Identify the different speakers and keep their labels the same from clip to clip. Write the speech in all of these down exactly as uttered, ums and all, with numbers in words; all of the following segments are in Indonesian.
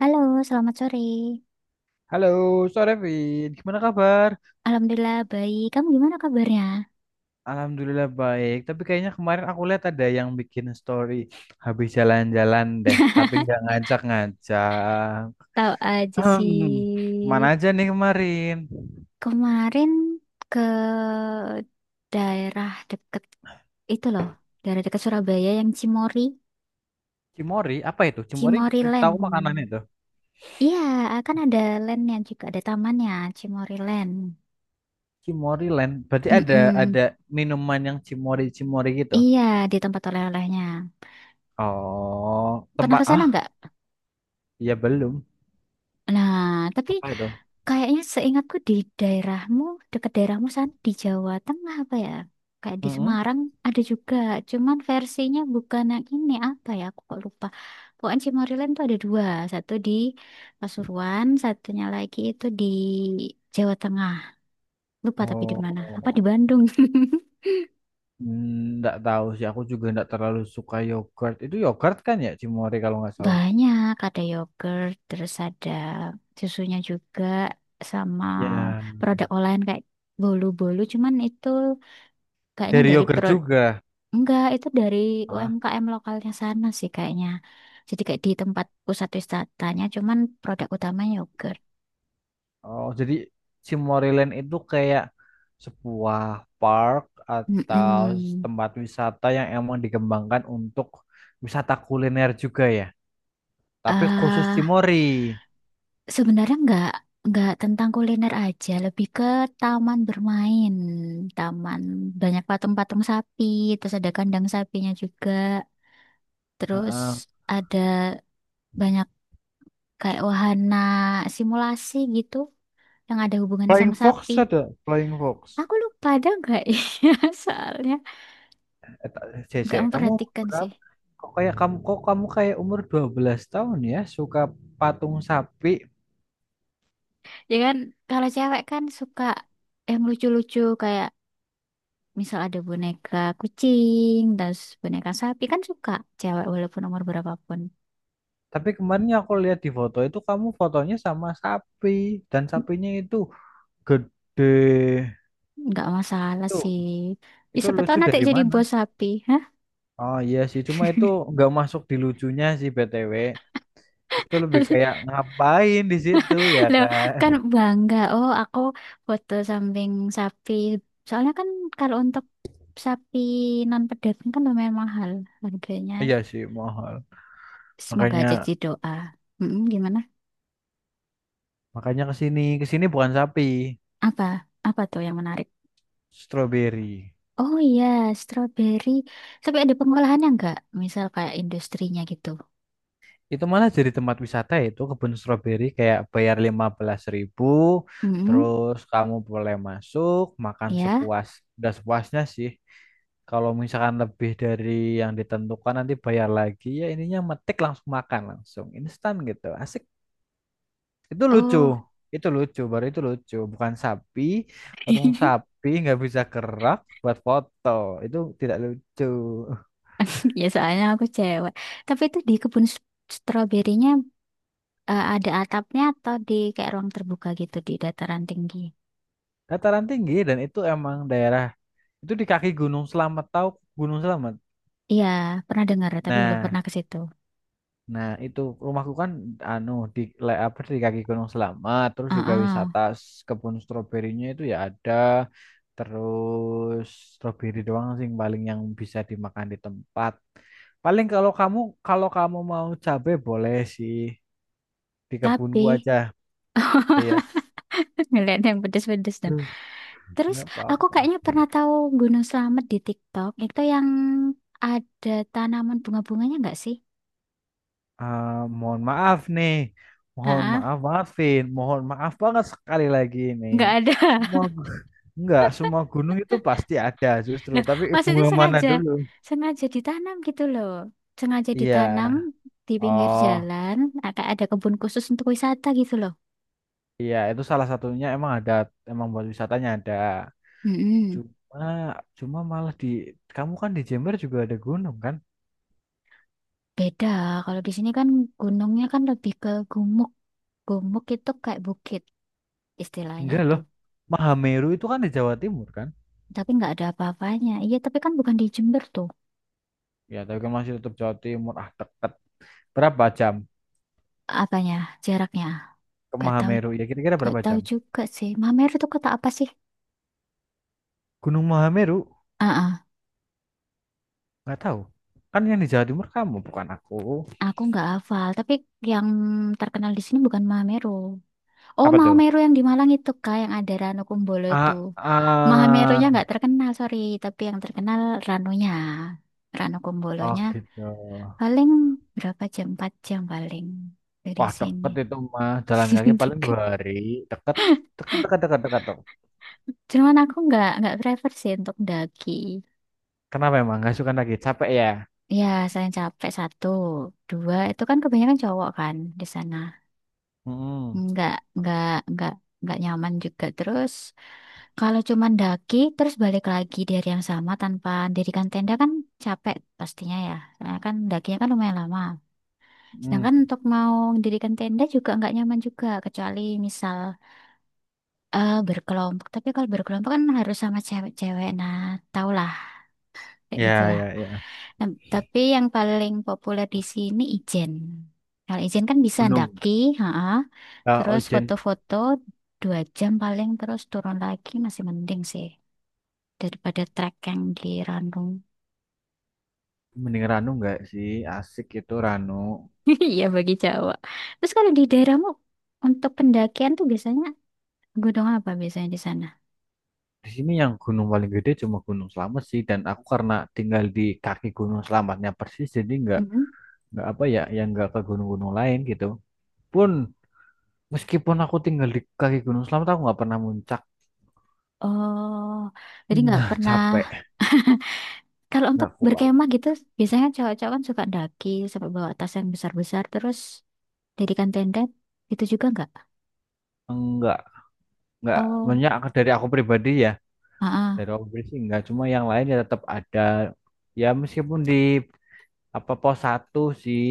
Speaker 1: Halo, selamat sore.
Speaker 2: Halo, sore Vin. Gimana kabar?
Speaker 1: Alhamdulillah baik. Kamu gimana kabarnya?
Speaker 2: Alhamdulillah baik. Tapi kayaknya kemarin aku lihat ada yang bikin story habis jalan-jalan deh, tapi nggak ngajak-ngajak.
Speaker 1: Tahu aja
Speaker 2: Hmm,
Speaker 1: sih.
Speaker 2: kemana aja nih kemarin?
Speaker 1: Kemarin ke daerah deket itu loh, daerah deket Surabaya yang Cimory,
Speaker 2: Cimori, apa itu? Cimori,
Speaker 1: Cimory
Speaker 2: eh, tahu makanannya
Speaker 1: Land.
Speaker 2: itu?
Speaker 1: Iya, akan ada landnya juga, ada tamannya, Cimory Land.
Speaker 2: Cimori Land. Berarti ada
Speaker 1: Mm-mm.
Speaker 2: ada minuman yang Cimori-Cimori gitu.
Speaker 1: Iya, di tempat oleh-olehnya.
Speaker 2: Oh,
Speaker 1: Pernah
Speaker 2: tempat
Speaker 1: ke sana
Speaker 2: ah,
Speaker 1: nggak?
Speaker 2: ya belum.
Speaker 1: Nah, tapi
Speaker 2: Apa itu?
Speaker 1: kayaknya seingatku di daerahmu, dekat daerahmu sana di Jawa Tengah apa ya? Kayak di
Speaker 2: Mm-mm.
Speaker 1: Semarang ada juga, cuman versinya bukan yang ini apa ya? Aku kok lupa. Pokoknya Cimoryland tuh ada dua, satu di Pasuruan, satunya lagi itu di Jawa Tengah. Lupa tapi di mana? Apa di
Speaker 2: Oh.
Speaker 1: Bandung?
Speaker 2: Hmm, Nggak tahu sih, aku juga nggak terlalu suka yogurt. Itu yogurt kan ya, Cimori kalau nggak salah.
Speaker 1: Banyak, ada yogurt, terus ada susunya juga, sama
Speaker 2: Ya,
Speaker 1: produk olahan kayak bolu-bolu, cuman itu kayaknya
Speaker 2: dari
Speaker 1: dari
Speaker 2: yogurt
Speaker 1: pro.
Speaker 2: juga.
Speaker 1: Enggak, itu dari
Speaker 2: Hah?
Speaker 1: U M K M lokalnya sana sih kayaknya. Jadi kayak di tempat pusat wisatanya, cuman produk utamanya yogurt.
Speaker 2: Oh, jadi Cimoryland itu kayak sebuah park atau
Speaker 1: Mm-mm.
Speaker 2: tempat wisata yang emang dikembangkan untuk wisata kuliner juga ya. Tapi khusus
Speaker 1: ah
Speaker 2: Cimory.
Speaker 1: Sebenarnya nggak nggak tentang kuliner aja, lebih ke taman bermain, taman banyak patung-patung sapi, terus ada kandang sapinya juga, terus
Speaker 2: Heeh.
Speaker 1: ada banyak kayak wahana simulasi gitu yang ada hubungannya
Speaker 2: Flying
Speaker 1: sama sapi.
Speaker 2: Fox ada, Flying Fox.
Speaker 1: Aku lupa ada enggak ya soalnya.
Speaker 2: Cece,
Speaker 1: Nggak
Speaker 2: kamu
Speaker 1: memperhatikan sih.
Speaker 2: berapa? Kok kayak kamu kok kamu kayak umur dua belas tahun ya suka patung sapi.
Speaker 1: Ya kan kalau cewek kan suka yang lucu-lucu kayak misal ada boneka kucing, terus boneka sapi kan suka cewek walaupun umur berapapun.
Speaker 2: Tapi kemarin yang aku lihat di foto itu kamu fotonya sama sapi dan sapinya itu gede.
Speaker 1: Nggak masalah
Speaker 2: Itu
Speaker 1: sih. Ya,
Speaker 2: itu
Speaker 1: siapa tahu
Speaker 2: lucu
Speaker 1: nanti
Speaker 2: dari
Speaker 1: jadi
Speaker 2: mana?
Speaker 1: bos sapi. Hah?
Speaker 2: Oh iya sih, cuma itu nggak masuk di lucunya sih B T W. Itu lebih kayak ngapain di situ ya
Speaker 1: Loh,
Speaker 2: kan?
Speaker 1: kan bangga. Oh, aku foto samping sapi. Soalnya kan kalau untuk sapi non pedagang kan lumayan mahal harganya.
Speaker 2: Iya sih mahal.
Speaker 1: Semoga
Speaker 2: Makanya
Speaker 1: aja jadi doa. Mm-mm, gimana?
Speaker 2: makanya ke sini ke sini bukan sapi,
Speaker 1: Apa? Apa tuh yang menarik?
Speaker 2: stroberi.
Speaker 1: Oh iya, strawberry. Tapi ada pengolahannya nggak? Misal kayak industrinya gitu.
Speaker 2: Itu malah jadi tempat wisata ya, itu kebun stroberi kayak bayar lima belas ribu
Speaker 1: Mm,
Speaker 2: terus kamu boleh masuk makan
Speaker 1: ya.
Speaker 2: sepuas udah sepuasnya sih. Kalau misalkan lebih dari yang ditentukan nanti bayar lagi ya ininya metik langsung makan langsung instan gitu. Asik. Itu lucu.
Speaker 1: Oh,
Speaker 2: Itu lucu, baru itu lucu. Bukan sapi, patung sapi nggak bisa gerak buat foto. Itu tidak lucu.
Speaker 1: ya soalnya aku cewek. Tapi itu di kebun s- stroberinya, eh, ada atapnya atau di kayak ruang terbuka gitu di dataran tinggi?
Speaker 2: Dataran tinggi dan itu emang daerah itu di kaki Gunung Selamat, tahu Gunung Selamat.
Speaker 1: Iya, pernah dengar tapi belum
Speaker 2: Nah,
Speaker 1: pernah ke situ.
Speaker 2: nah itu rumahku kan anu di le- apa di kaki Gunung Selamat, terus juga
Speaker 1: Heeh.
Speaker 2: wisata s- kebun stroberinya itu ya ada. Terus stroberi doang sih yang paling yang bisa dimakan di tempat. Paling kalau kamu kalau kamu mau cabe boleh sih di
Speaker 1: Tapi
Speaker 2: kebunku aja. Iya,
Speaker 1: ngeliat yang pedes-pedes dong.
Speaker 2: Hmm,
Speaker 1: Terus
Speaker 2: nggak
Speaker 1: aku
Speaker 2: apa-apa.
Speaker 1: kayaknya pernah tahu Gunung Slamet di TikTok. Itu yang ada tanaman bunga-bunganya nggak sih?
Speaker 2: Ah, mohon maaf nih, mohon maaf maafin mohon maaf banget sekali lagi ini.
Speaker 1: Nggak ada.
Speaker 2: Semua enggak, semua gunung itu pasti ada justru,
Speaker 1: Nah,
Speaker 2: tapi
Speaker 1: maksudnya
Speaker 2: bunga mana
Speaker 1: sengaja,
Speaker 2: dulu?
Speaker 1: sengaja ditanam gitu loh. Sengaja
Speaker 2: Iya.
Speaker 1: ditanam di pinggir
Speaker 2: Oh,
Speaker 1: jalan, agak ada kebun khusus untuk wisata gitu loh.
Speaker 2: iya itu salah satunya emang ada, emang buat wisatanya ada.
Speaker 1: Mm-mm.
Speaker 2: Cuma cuma malah di kamu kan di Jember juga ada gunung kan?
Speaker 1: Beda, kalau di sini kan gunungnya kan lebih ke gumuk. Gumuk itu kayak bukit istilahnya
Speaker 2: Enggak loh.
Speaker 1: tuh.
Speaker 2: Mahameru itu kan di Jawa Timur kan?
Speaker 1: Tapi nggak ada apa-apanya. Iya, tapi kan bukan di Jember tuh.
Speaker 2: Ya, tapi kan masih tetap Jawa Timur. Ah, deket. Berapa jam
Speaker 1: Apanya, jaraknya.
Speaker 2: ke
Speaker 1: Gak tahu,
Speaker 2: Mahameru? Ya kira-kira
Speaker 1: gak
Speaker 2: berapa
Speaker 1: tahu
Speaker 2: jam?
Speaker 1: juga sih. Mameru itu kota apa sih?
Speaker 2: Gunung Mahameru
Speaker 1: Ah, ah.
Speaker 2: nggak tahu. Kan yang di Jawa Timur kamu bukan aku.
Speaker 1: Aku nggak hafal, tapi yang terkenal di sini bukan Mameru. Oh,
Speaker 2: Apa tuh?
Speaker 1: Mahameru yang di Malang itu kak, yang ada Ranu Kumbolo itu.
Speaker 2: Ah,
Speaker 1: Mahamerunya
Speaker 2: ah,
Speaker 1: nggak terkenal, sorry, tapi yang terkenal Ranunya. Ranu
Speaker 2: oh
Speaker 1: Kumbolonya
Speaker 2: gitu.
Speaker 1: paling berapa jam? Empat jam paling dari
Speaker 2: Wah
Speaker 1: sini.
Speaker 2: deket itu mah jalan kaki paling
Speaker 1: Deket.
Speaker 2: dua hari. Deket, deket, deket, deket, deket. Deket.
Speaker 1: Cuman aku nggak nggak prefer sih untuk daki.
Speaker 2: Kenapa emang nggak suka lagi? Capek ya?
Speaker 1: Ya, saya capek satu, dua itu kan kebanyakan cowok kan di sana.
Speaker 2: Hmm,
Speaker 1: nggak nggak nggak nggak nyaman juga. Terus kalau cuman daki terus balik lagi dari yang sama tanpa dirikan tenda kan capek pastinya ya karena kan dakinya kan lumayan lama,
Speaker 2: hmm.
Speaker 1: sedangkan untuk mau mendirikan tenda juga nggak nyaman juga kecuali misal eh berkelompok, tapi kalau berkelompok kan harus sama cewek-cewek. Nah, tau lah kayak gitu.
Speaker 2: Ya, ya, ya.
Speaker 1: Nah, tapi yang paling populer di sini Ijen. Kalau Ijen kan bisa
Speaker 2: Gunung.
Speaker 1: ndaki, ha.
Speaker 2: Eh,
Speaker 1: Terus
Speaker 2: Ojen
Speaker 1: foto-foto dua jam paling terus turun lagi masih mending sih daripada trek yang di Ranung.
Speaker 2: mending Ranu nggak sih? Asik itu Ranu.
Speaker 1: Iya bagi Jawa. Terus kalau di daerahmu untuk pendakian tuh biasanya gunung apa biasanya di sana?
Speaker 2: Di sini yang gunung paling gede cuma Gunung Slamet sih. Dan aku karena tinggal di kaki Gunung Slametnya persis, jadi nggak
Speaker 1: Mhm.
Speaker 2: nggak apa ya yang nggak ke gunung-gunung lain gitu pun, meskipun aku tinggal di kaki Gunung Selamat aku nggak pernah muncak,
Speaker 1: Oh, jadi nggak
Speaker 2: nggak
Speaker 1: pernah.
Speaker 2: capek,
Speaker 1: Kalau untuk
Speaker 2: nggak kuat,
Speaker 1: berkemah gitu, biasanya cowok-cowok kan suka daki sampai bawa tas yang besar-besar terus. Dirikan tenda itu juga nggak?
Speaker 2: enggak, nggak
Speaker 1: Oh,
Speaker 2: banyak. Dari aku pribadi ya,
Speaker 1: ah, ah,
Speaker 2: dari aku pribadi sih nggak, cuma yang lain ya tetap ada, ya meskipun di apa pos satu sih,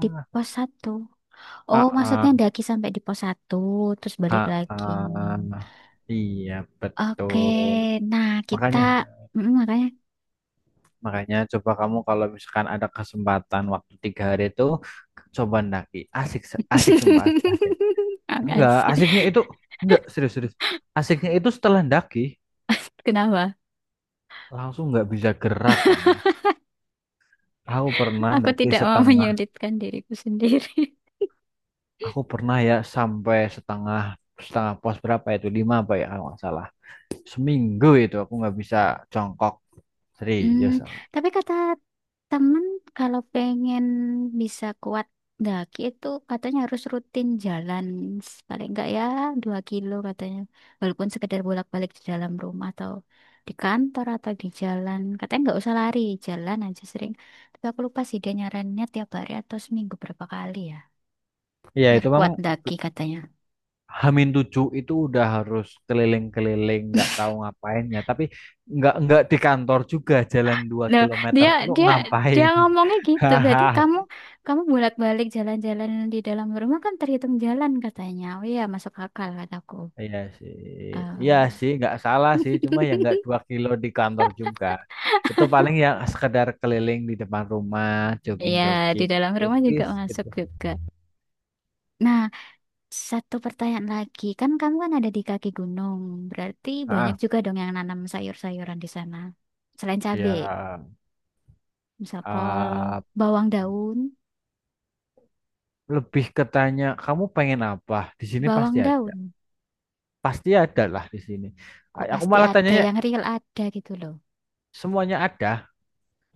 Speaker 1: di pos satu. Oh,
Speaker 2: ah
Speaker 1: maksudnya
Speaker 2: ah,
Speaker 1: daki sampai di pos satu, terus balik
Speaker 2: ah,
Speaker 1: lagi.
Speaker 2: ah. iya
Speaker 1: Oke,
Speaker 2: betul.
Speaker 1: nah kita
Speaker 2: Makanya
Speaker 1: Mm, makanya
Speaker 2: Makanya coba kamu kalau misalkan ada kesempatan waktu tiga hari itu coba ndaki. Asik, se- asik sumpah asik, asik. Enggak,
Speaker 1: makasih.
Speaker 2: asiknya itu enggak serius-serius. Asiknya itu setelah ndaki
Speaker 1: Kenapa?
Speaker 2: langsung nggak bisa gerak kamu. Aku pernah
Speaker 1: Aku
Speaker 2: ndaki
Speaker 1: tidak mau
Speaker 2: setengah,
Speaker 1: menyulitkan diriku sendiri.
Speaker 2: aku pernah ya sampai setengah setengah pos berapa itu lima apa ya kalau nggak salah. Seminggu itu aku nggak bisa jongkok,
Speaker 1: Hmm,
Speaker 2: serius aku.
Speaker 1: tapi kata temen kalau pengen bisa kuat daki itu katanya harus rutin jalan, s- paling enggak ya dua kilo katanya, walaupun sekedar bolak-balik di dalam rumah atau di kantor atau di jalan. Katanya nggak usah lari, jalan aja sering. Tapi aku lupa sih dia nyarannya tiap hari atau seminggu berapa kali ya,
Speaker 2: Iya
Speaker 1: biar
Speaker 2: itu
Speaker 1: kuat
Speaker 2: memang
Speaker 1: daki katanya.
Speaker 2: Hamin tujuh itu udah harus keliling-keliling nggak tahu ngapainnya, tapi nggak nggak di kantor juga jalan dua
Speaker 1: Loh,
Speaker 2: kilometer
Speaker 1: dia
Speaker 2: itu
Speaker 1: dia dia
Speaker 2: ngapain.
Speaker 1: ngomongnya gitu. Berarti
Speaker 2: Hahaha.
Speaker 1: kamu kamu bolak-balik jalan-jalan di dalam rumah kan terhitung jalan katanya. Oh iya, masuk akal kataku.
Speaker 2: iya sih iya
Speaker 1: Eh,
Speaker 2: sih nggak salah sih, cuma ya nggak dua kilo di kantor juga, itu paling ya sekedar keliling di depan rumah
Speaker 1: iya, di
Speaker 2: jogging-jogging
Speaker 1: dalam rumah juga
Speaker 2: tipis
Speaker 1: masuk
Speaker 2: gitu.
Speaker 1: juga. Nah, satu pertanyaan lagi. Kan kamu kan ada di kaki gunung. Berarti banyak
Speaker 2: ah
Speaker 1: juga dong yang nanam sayur-sayuran di sana. Selain cabe,
Speaker 2: ya
Speaker 1: misal kol,
Speaker 2: ah,
Speaker 1: bawang daun,
Speaker 2: lebih ketanya kamu pengen apa di sini
Speaker 1: bawang
Speaker 2: pasti ada,
Speaker 1: daun.
Speaker 2: pasti ada lah di sini.
Speaker 1: Kok
Speaker 2: A- aku
Speaker 1: pasti
Speaker 2: malah
Speaker 1: ada
Speaker 2: tanyanya,
Speaker 1: yang real ada gitu loh.
Speaker 2: semuanya ada.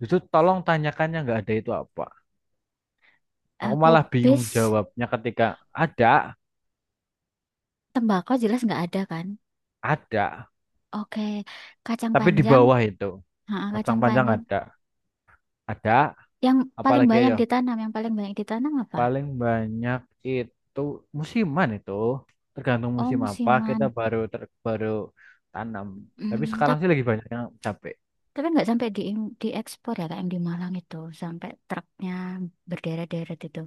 Speaker 2: Itu tolong tanyakannya nggak ada itu apa. Aku
Speaker 1: Aku
Speaker 2: malah bingung
Speaker 1: bis.
Speaker 2: jawabnya ketika ada,
Speaker 1: Tembakau jelas nggak ada kan?
Speaker 2: ada.
Speaker 1: Oke, kacang
Speaker 2: Tapi di
Speaker 1: panjang,
Speaker 2: bawah itu.
Speaker 1: ha,
Speaker 2: Kacang
Speaker 1: kacang
Speaker 2: panjang
Speaker 1: panjang.
Speaker 2: ada. Ada.
Speaker 1: Yang paling
Speaker 2: Apalagi
Speaker 1: banyak
Speaker 2: ya.
Speaker 1: ditanam, yang paling banyak ditanam apa?
Speaker 2: Paling banyak itu musiman itu. Tergantung
Speaker 1: Oh,
Speaker 2: musim apa kita
Speaker 1: musiman.
Speaker 2: baru ter- baru tanam. Tapi
Speaker 1: Hmm,
Speaker 2: sekarang
Speaker 1: tapi
Speaker 2: sih lagi banyak yang cabe.
Speaker 1: tapi nggak sampai di diekspor ya, kayak yang di Malang itu, sampai truknya berderet-deret itu.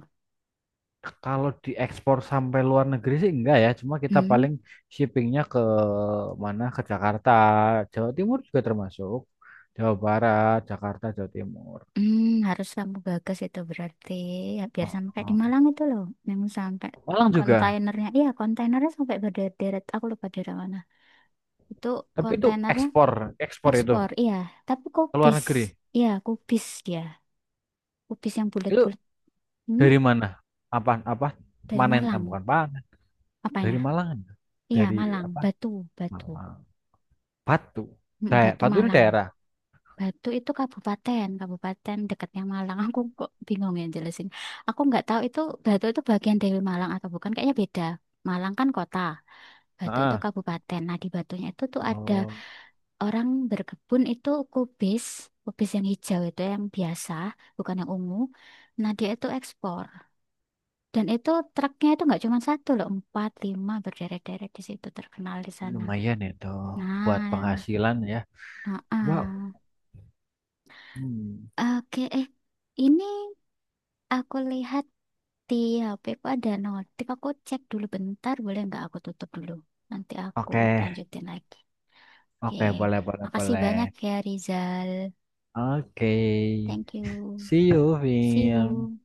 Speaker 2: Kalau diekspor sampai luar negeri sih enggak ya, cuma kita
Speaker 1: Hmm,
Speaker 2: paling shippingnya ke mana? Ke Jakarta, Jawa Timur juga termasuk, Jawa Barat, Jakarta, Jawa Timur.
Speaker 1: hmm, harus kamu gagas itu berarti, ya, biar sama kayak di
Speaker 2: Heeh.
Speaker 1: Malang itu loh, yang sampai
Speaker 2: Malang juga.
Speaker 1: kontainernya, iya kontainernya sampai berderet-deret. Aku lupa daerah mana. Itu
Speaker 2: Tapi itu
Speaker 1: kontainernya
Speaker 2: ekspor, ekspor itu
Speaker 1: ekspor, iya. Tapi
Speaker 2: ke luar
Speaker 1: kubis,
Speaker 2: negeri.
Speaker 1: iya kubis dia. Kubis yang
Speaker 2: Itu
Speaker 1: bulat-bulat. Hmm?
Speaker 2: dari mana? Apa apa?
Speaker 1: Dari
Speaker 2: Panen, ah,
Speaker 1: Malang.
Speaker 2: bukan panen,
Speaker 1: Apanya?
Speaker 2: dari Malang.
Speaker 1: Iya,
Speaker 2: Dari
Speaker 1: Malang.
Speaker 2: apa?
Speaker 1: Batu, Batu.
Speaker 2: Malang. Batu.
Speaker 1: Mm,
Speaker 2: Daerah.
Speaker 1: Batu
Speaker 2: Batu ini
Speaker 1: Malang.
Speaker 2: daerah.
Speaker 1: Batu itu kabupaten, kabupaten dekatnya Malang. Aku kok bingung ya jelasin. Aku nggak tahu itu Batu itu bagian dari Malang atau bukan. Kayaknya beda. Malang kan kota, Batu itu
Speaker 2: Heeh.
Speaker 1: kabupaten. Nah, di Batunya itu tuh ada
Speaker 2: Oh,
Speaker 1: orang berkebun itu kubis, kubis yang hijau itu yang biasa, bukan yang ungu. Nah, dia itu ekspor. Dan itu truknya itu nggak cuma satu loh, empat, lima berderet-deret di situ terkenal di sana.
Speaker 2: lumayan itu buat
Speaker 1: Nah,
Speaker 2: penghasilan ya. Coba
Speaker 1: heeh.
Speaker 2: hmm.
Speaker 1: Oke, eh ini aku lihat di H P ku ada notif, aku cek dulu bentar, boleh nggak aku tutup dulu? Nanti aku
Speaker 2: Oke,
Speaker 1: lanjutin lagi. Oke,
Speaker 2: oke, boleh, boleh,
Speaker 1: makasih
Speaker 2: boleh.
Speaker 1: banyak ya Rizal.
Speaker 2: Oke,
Speaker 1: Thank you.
Speaker 2: see you,
Speaker 1: See
Speaker 2: Vin.
Speaker 1: you.